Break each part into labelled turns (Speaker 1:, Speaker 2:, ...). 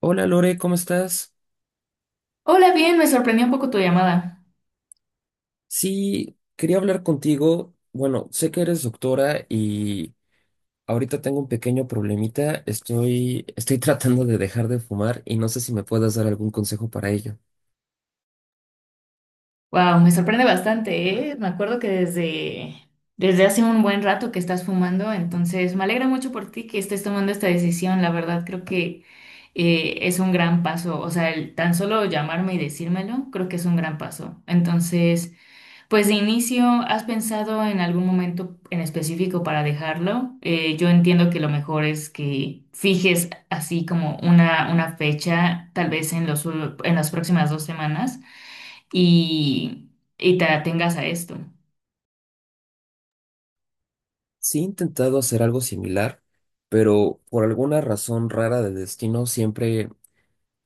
Speaker 1: Hola Lore, ¿cómo estás?
Speaker 2: Hola, bien, me sorprendió un poco tu llamada.
Speaker 1: Sí, quería hablar contigo. Bueno, sé que eres doctora y ahorita tengo un pequeño problemita. Estoy tratando de dejar de fumar y no sé si me puedas dar algún consejo para ello.
Speaker 2: Wow, me sorprende bastante, ¿eh? Me acuerdo que desde hace un buen rato que estás fumando, entonces me alegra mucho por ti que estés tomando esta decisión. La verdad, creo que es un gran paso. O sea, el tan solo llamarme y decírmelo, creo que es un gran paso. Entonces, pues de inicio, ¿has pensado en algún momento en específico para dejarlo? Yo entiendo que lo mejor es que fijes así como una fecha, tal vez en en las próximas dos semanas, y, y te atengas a esto.
Speaker 1: Sí, he intentado hacer algo similar, pero por alguna razón rara de destino, siempre,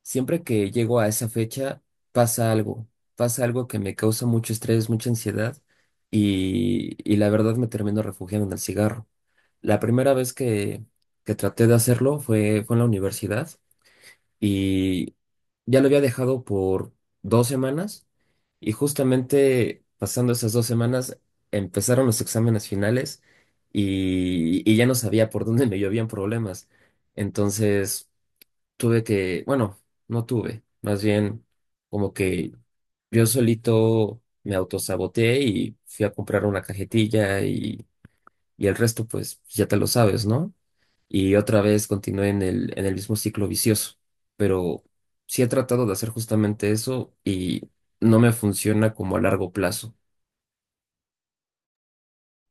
Speaker 1: siempre que llego a esa fecha, pasa algo. Pasa algo que me causa mucho estrés, mucha ansiedad y la verdad me termino refugiando en el cigarro. La primera vez que traté de hacerlo fue en la universidad y ya lo había dejado por dos semanas, y justamente pasando esas dos semanas empezaron los exámenes finales y ya no sabía por dónde me llovían problemas. Entonces tuve que, bueno, no tuve, más bien como que yo solito me autosaboteé y fui a comprar una cajetilla y el resto pues ya te lo sabes, ¿no? Y otra vez continué en el mismo ciclo vicioso. Pero sí he tratado de hacer justamente eso y no me funciona como a largo plazo.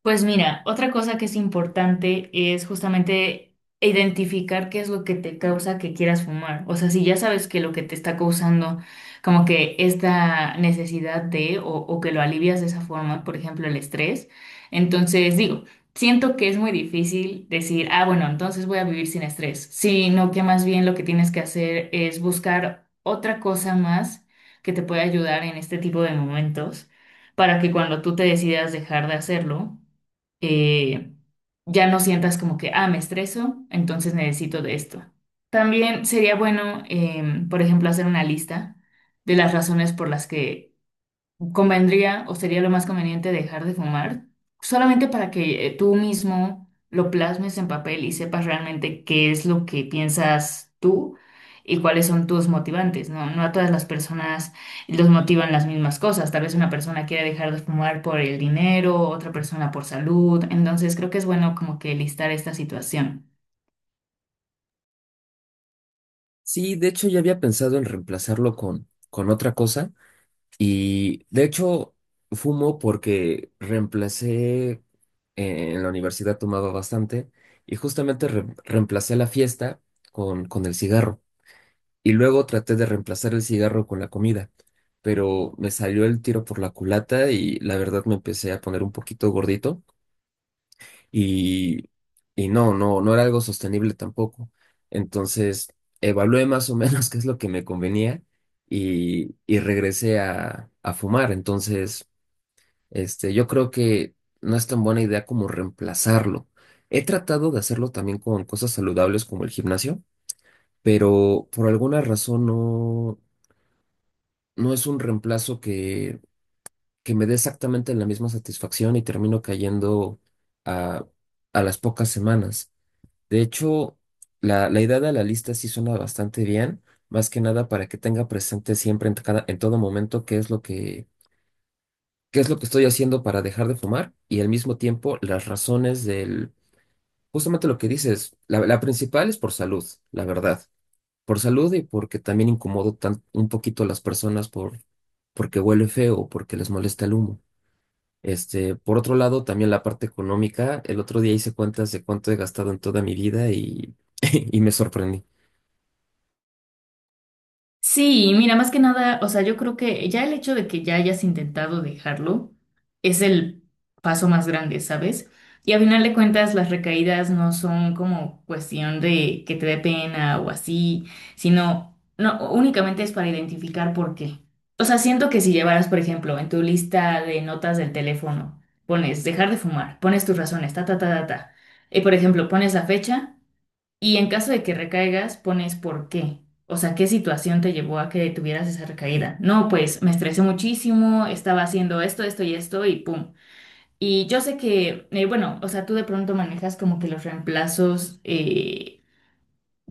Speaker 2: Pues mira, otra cosa que es importante es justamente identificar qué es lo que te causa que quieras fumar. O sea, si ya sabes que lo que te está causando como que esta necesidad o que lo alivias de esa forma, por ejemplo, el estrés, entonces digo, siento que es muy difícil decir, ah, bueno, entonces voy a vivir sin estrés, sino que más bien lo que tienes que hacer es buscar otra cosa más que te pueda ayudar en este tipo de momentos para que cuando tú te decidas dejar de hacerlo, eh, ya no sientas como que, ah, me estreso, entonces necesito de esto. También sería bueno, por ejemplo, hacer una lista de las razones por las que convendría o sería lo más conveniente dejar de fumar, solamente para que tú mismo lo plasmes en papel y sepas realmente qué es lo que piensas tú y cuáles son tus motivantes, ¿no? No a todas las personas los motivan las mismas cosas. Tal vez una persona quiere dejar de fumar por el dinero, otra persona por salud. Entonces creo que es bueno como que listar esta situación.
Speaker 1: Sí, de hecho ya había pensado en reemplazarlo con otra cosa, y de hecho fumo porque reemplacé, en la universidad tomaba bastante y justamente reemplacé la fiesta con el cigarro. Y luego traté de reemplazar el cigarro con la comida, pero me salió el tiro por la culata y la verdad me empecé a poner un poquito gordito y, y, no, no, no era algo sostenible tampoco. Entonces evalué más o menos qué es lo que me convenía y regresé a fumar. Entonces, este, yo creo que no es tan buena idea como reemplazarlo. He tratado de hacerlo también con cosas saludables como el gimnasio, pero por alguna razón no, no es un reemplazo que me dé exactamente la misma satisfacción y termino cayendo a, a las pocas semanas. De hecho, la idea de la lista sí suena bastante bien, más que nada para que tenga presente siempre en, en todo momento qué es lo que, qué es lo que estoy haciendo para dejar de fumar y al mismo tiempo las razones del, justamente lo que dices, la principal es por salud, la verdad, por salud y porque también incomodo un poquito a las personas por, porque huele feo o porque les molesta el humo. Este, por otro lado, también la parte económica. El otro día hice cuentas de cuánto he gastado en toda mi vida y, y me sorprendí.
Speaker 2: Sí, mira, más que nada, o sea, yo creo que ya el hecho de que ya hayas intentado dejarlo es el paso más grande, ¿sabes? Y a final de cuentas, las recaídas no son como cuestión de que te dé pena o así, sino no, únicamente es para identificar por qué. O sea, siento que si llevaras, por ejemplo, en tu lista de notas del teléfono, pones dejar de fumar, pones tus razones, ta, ta, ta, ta, ta, y por ejemplo, pones la fecha. Y en caso de que recaigas, pones por qué. O sea, ¿qué situación te llevó a que tuvieras esa recaída? No, pues me estresé muchísimo, estaba haciendo esto, esto y esto y pum. Y yo sé que, bueno, o sea, tú de pronto manejas como que los reemplazos, eh,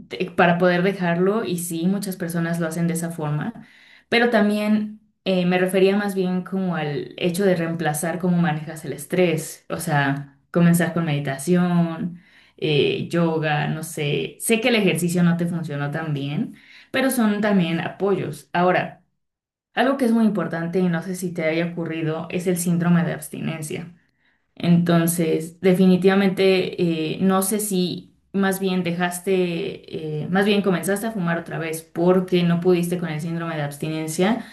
Speaker 2: te- para poder dejarlo y sí, muchas personas lo hacen de esa forma, pero también me refería más bien como al hecho de reemplazar cómo manejas el estrés, o sea, comenzar con meditación, yoga, no sé, sé que el ejercicio no te funcionó tan bien, pero son también apoyos. Ahora, algo que es muy importante y no sé si te haya ocurrido es el síndrome de abstinencia. Entonces, definitivamente, no sé si más bien más bien comenzaste a fumar otra vez porque no pudiste con el síndrome de abstinencia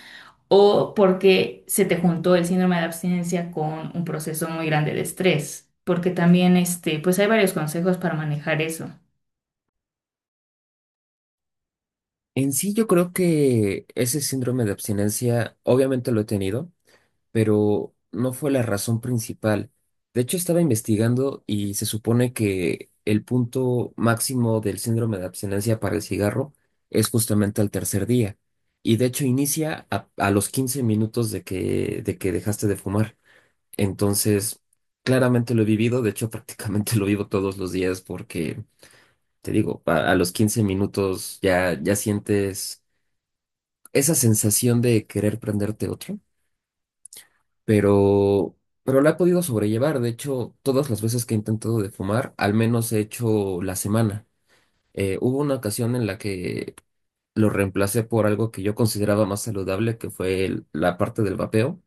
Speaker 2: o porque se te juntó el síndrome de abstinencia con un proceso muy grande de estrés, porque también, este, pues hay varios consejos para manejar eso.
Speaker 1: En sí, yo creo que ese síndrome de abstinencia, obviamente lo he tenido, pero no fue la razón principal. De hecho, estaba investigando y se supone que el punto máximo del síndrome de abstinencia para el cigarro es justamente al tercer día. Y de hecho inicia a los 15 minutos de que dejaste de fumar. Entonces, claramente lo he vivido, de hecho prácticamente lo vivo todos los días porque, te digo, a los 15 minutos ya, ya sientes esa sensación de querer prenderte otro, pero, pero la he podido sobrellevar. De hecho, todas las veces que he intentado de fumar, al menos he hecho la semana. Hubo una ocasión en la que lo reemplacé por algo que yo consideraba más saludable, que fue la parte del vapeo,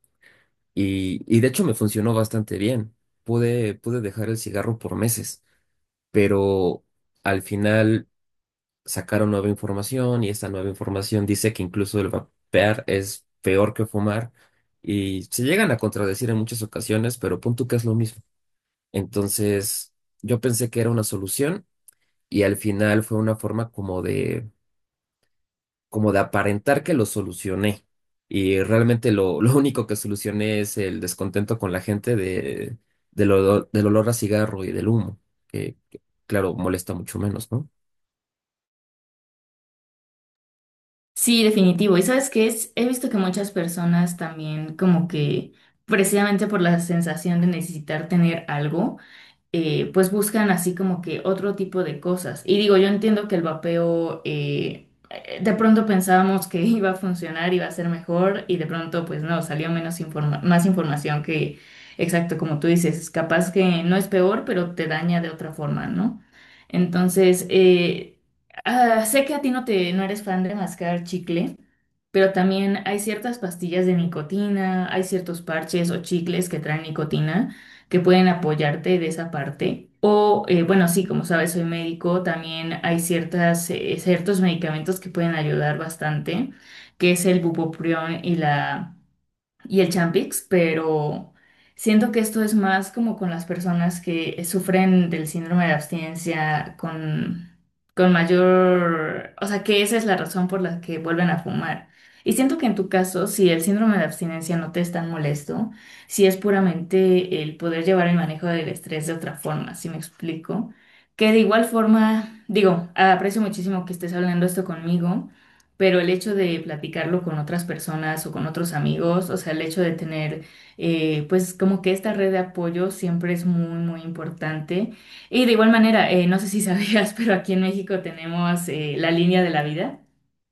Speaker 1: y de hecho me funcionó bastante bien. Pude dejar el cigarro por meses, pero al final sacaron nueva información, y esta nueva información dice que incluso el vapear es peor que fumar y se llegan a contradecir en muchas ocasiones, pero punto que es lo mismo. Entonces, yo pensé que era una solución y al final fue una forma como de aparentar que lo solucioné. Y realmente lo, lo único que solucioné es el descontento con la gente de, del olor a cigarro y del humo, que, claro, molesta mucho menos, ¿no?
Speaker 2: Sí, definitivo. Y sabes qué es, he visto que muchas personas también como que precisamente por la sensación de necesitar tener algo, pues buscan así como que otro tipo de cosas. Y digo, yo entiendo que el vapeo, de pronto pensábamos que iba a funcionar, iba a ser mejor y de pronto pues no, salió más información que, exacto, como tú dices, capaz que no es peor, pero te daña de otra forma, ¿no? Entonces, sé que a ti no te, no eres fan de mascar chicle. Pero también hay ciertas pastillas de nicotina, hay ciertos parches o chicles que traen nicotina que pueden apoyarte de esa parte. O, bueno, sí, como sabes, soy médico, también hay ciertos medicamentos que pueden ayudar bastante, que es el bupropión y el Champix, pero siento que esto es más como con las personas que sufren del síndrome de abstinencia con mayor, o sea, que esa es la razón por la que vuelven a fumar. Y siento que en tu caso, si el síndrome de abstinencia no te es tan molesto, si es puramente el poder llevar el manejo del estrés de otra forma, si me explico, que de igual forma, digo, aprecio muchísimo que estés hablando esto conmigo. Pero el hecho de platicarlo con otras personas o con otros amigos, o sea, el hecho de tener, pues como que esta red de apoyo siempre es muy, muy importante. Y de igual manera, no sé si sabías, pero aquí en México tenemos la línea de la vida,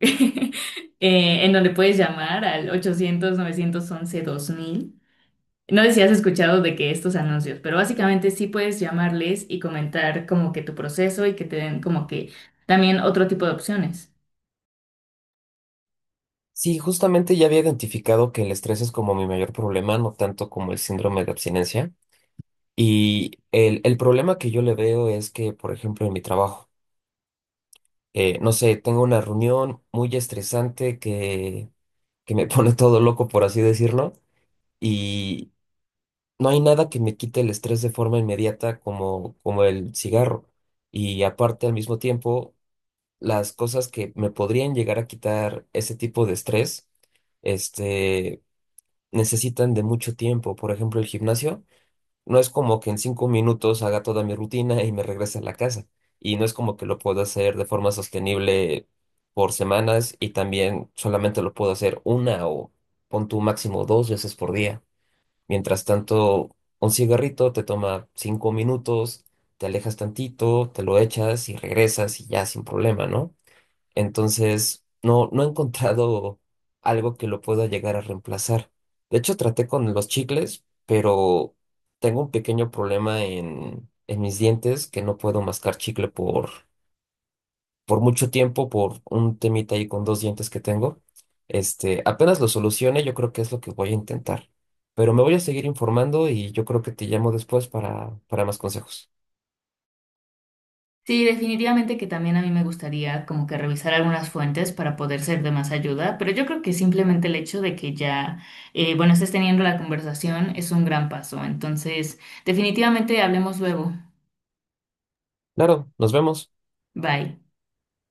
Speaker 2: eh, en donde puedes llamar al 800-911-2000. No sé si has escuchado de que estos anuncios, pero básicamente sí puedes llamarles y comentar como que tu proceso y que te den como que también otro tipo de opciones.
Speaker 1: Sí, justamente ya había identificado que el estrés es como mi mayor problema, no tanto como el síndrome de abstinencia. Y el problema que yo le veo es que, por ejemplo, en mi trabajo, no sé, tengo una reunión muy estresante que me pone todo loco, por así decirlo, y no hay nada que me quite el estrés de forma inmediata como, como el cigarro. Y aparte, al mismo tiempo, las cosas que me podrían llegar a quitar ese tipo de estrés. Este, necesitan de mucho tiempo. Por ejemplo, el gimnasio no es como que en cinco minutos haga toda mi rutina y me regrese a la casa. Y no es como que lo puedo hacer de forma sostenible por semanas, y también solamente lo puedo hacer una o pon tu máximo dos veces por día. Mientras tanto, un cigarrito te toma cinco minutos, te alejas tantito, te lo echas y regresas y ya sin problema, ¿no? Entonces, no, no he encontrado algo que lo pueda llegar a reemplazar. De hecho, traté con los chicles, pero tengo un pequeño problema en mis dientes que no puedo mascar chicle por mucho tiempo, por un temita ahí con dos dientes que tengo. Este, apenas lo solucione, yo creo que es lo que voy a intentar. Pero me voy a seguir informando y yo creo que te llamo después para más consejos.
Speaker 2: Sí, definitivamente que también a mí me gustaría como que revisar algunas fuentes para poder ser de más ayuda, pero yo creo que simplemente el hecho de que ya, bueno, estés teniendo la conversación es un gran paso. Entonces, definitivamente hablemos luego.
Speaker 1: Claro, nos vemos.
Speaker 2: Bye.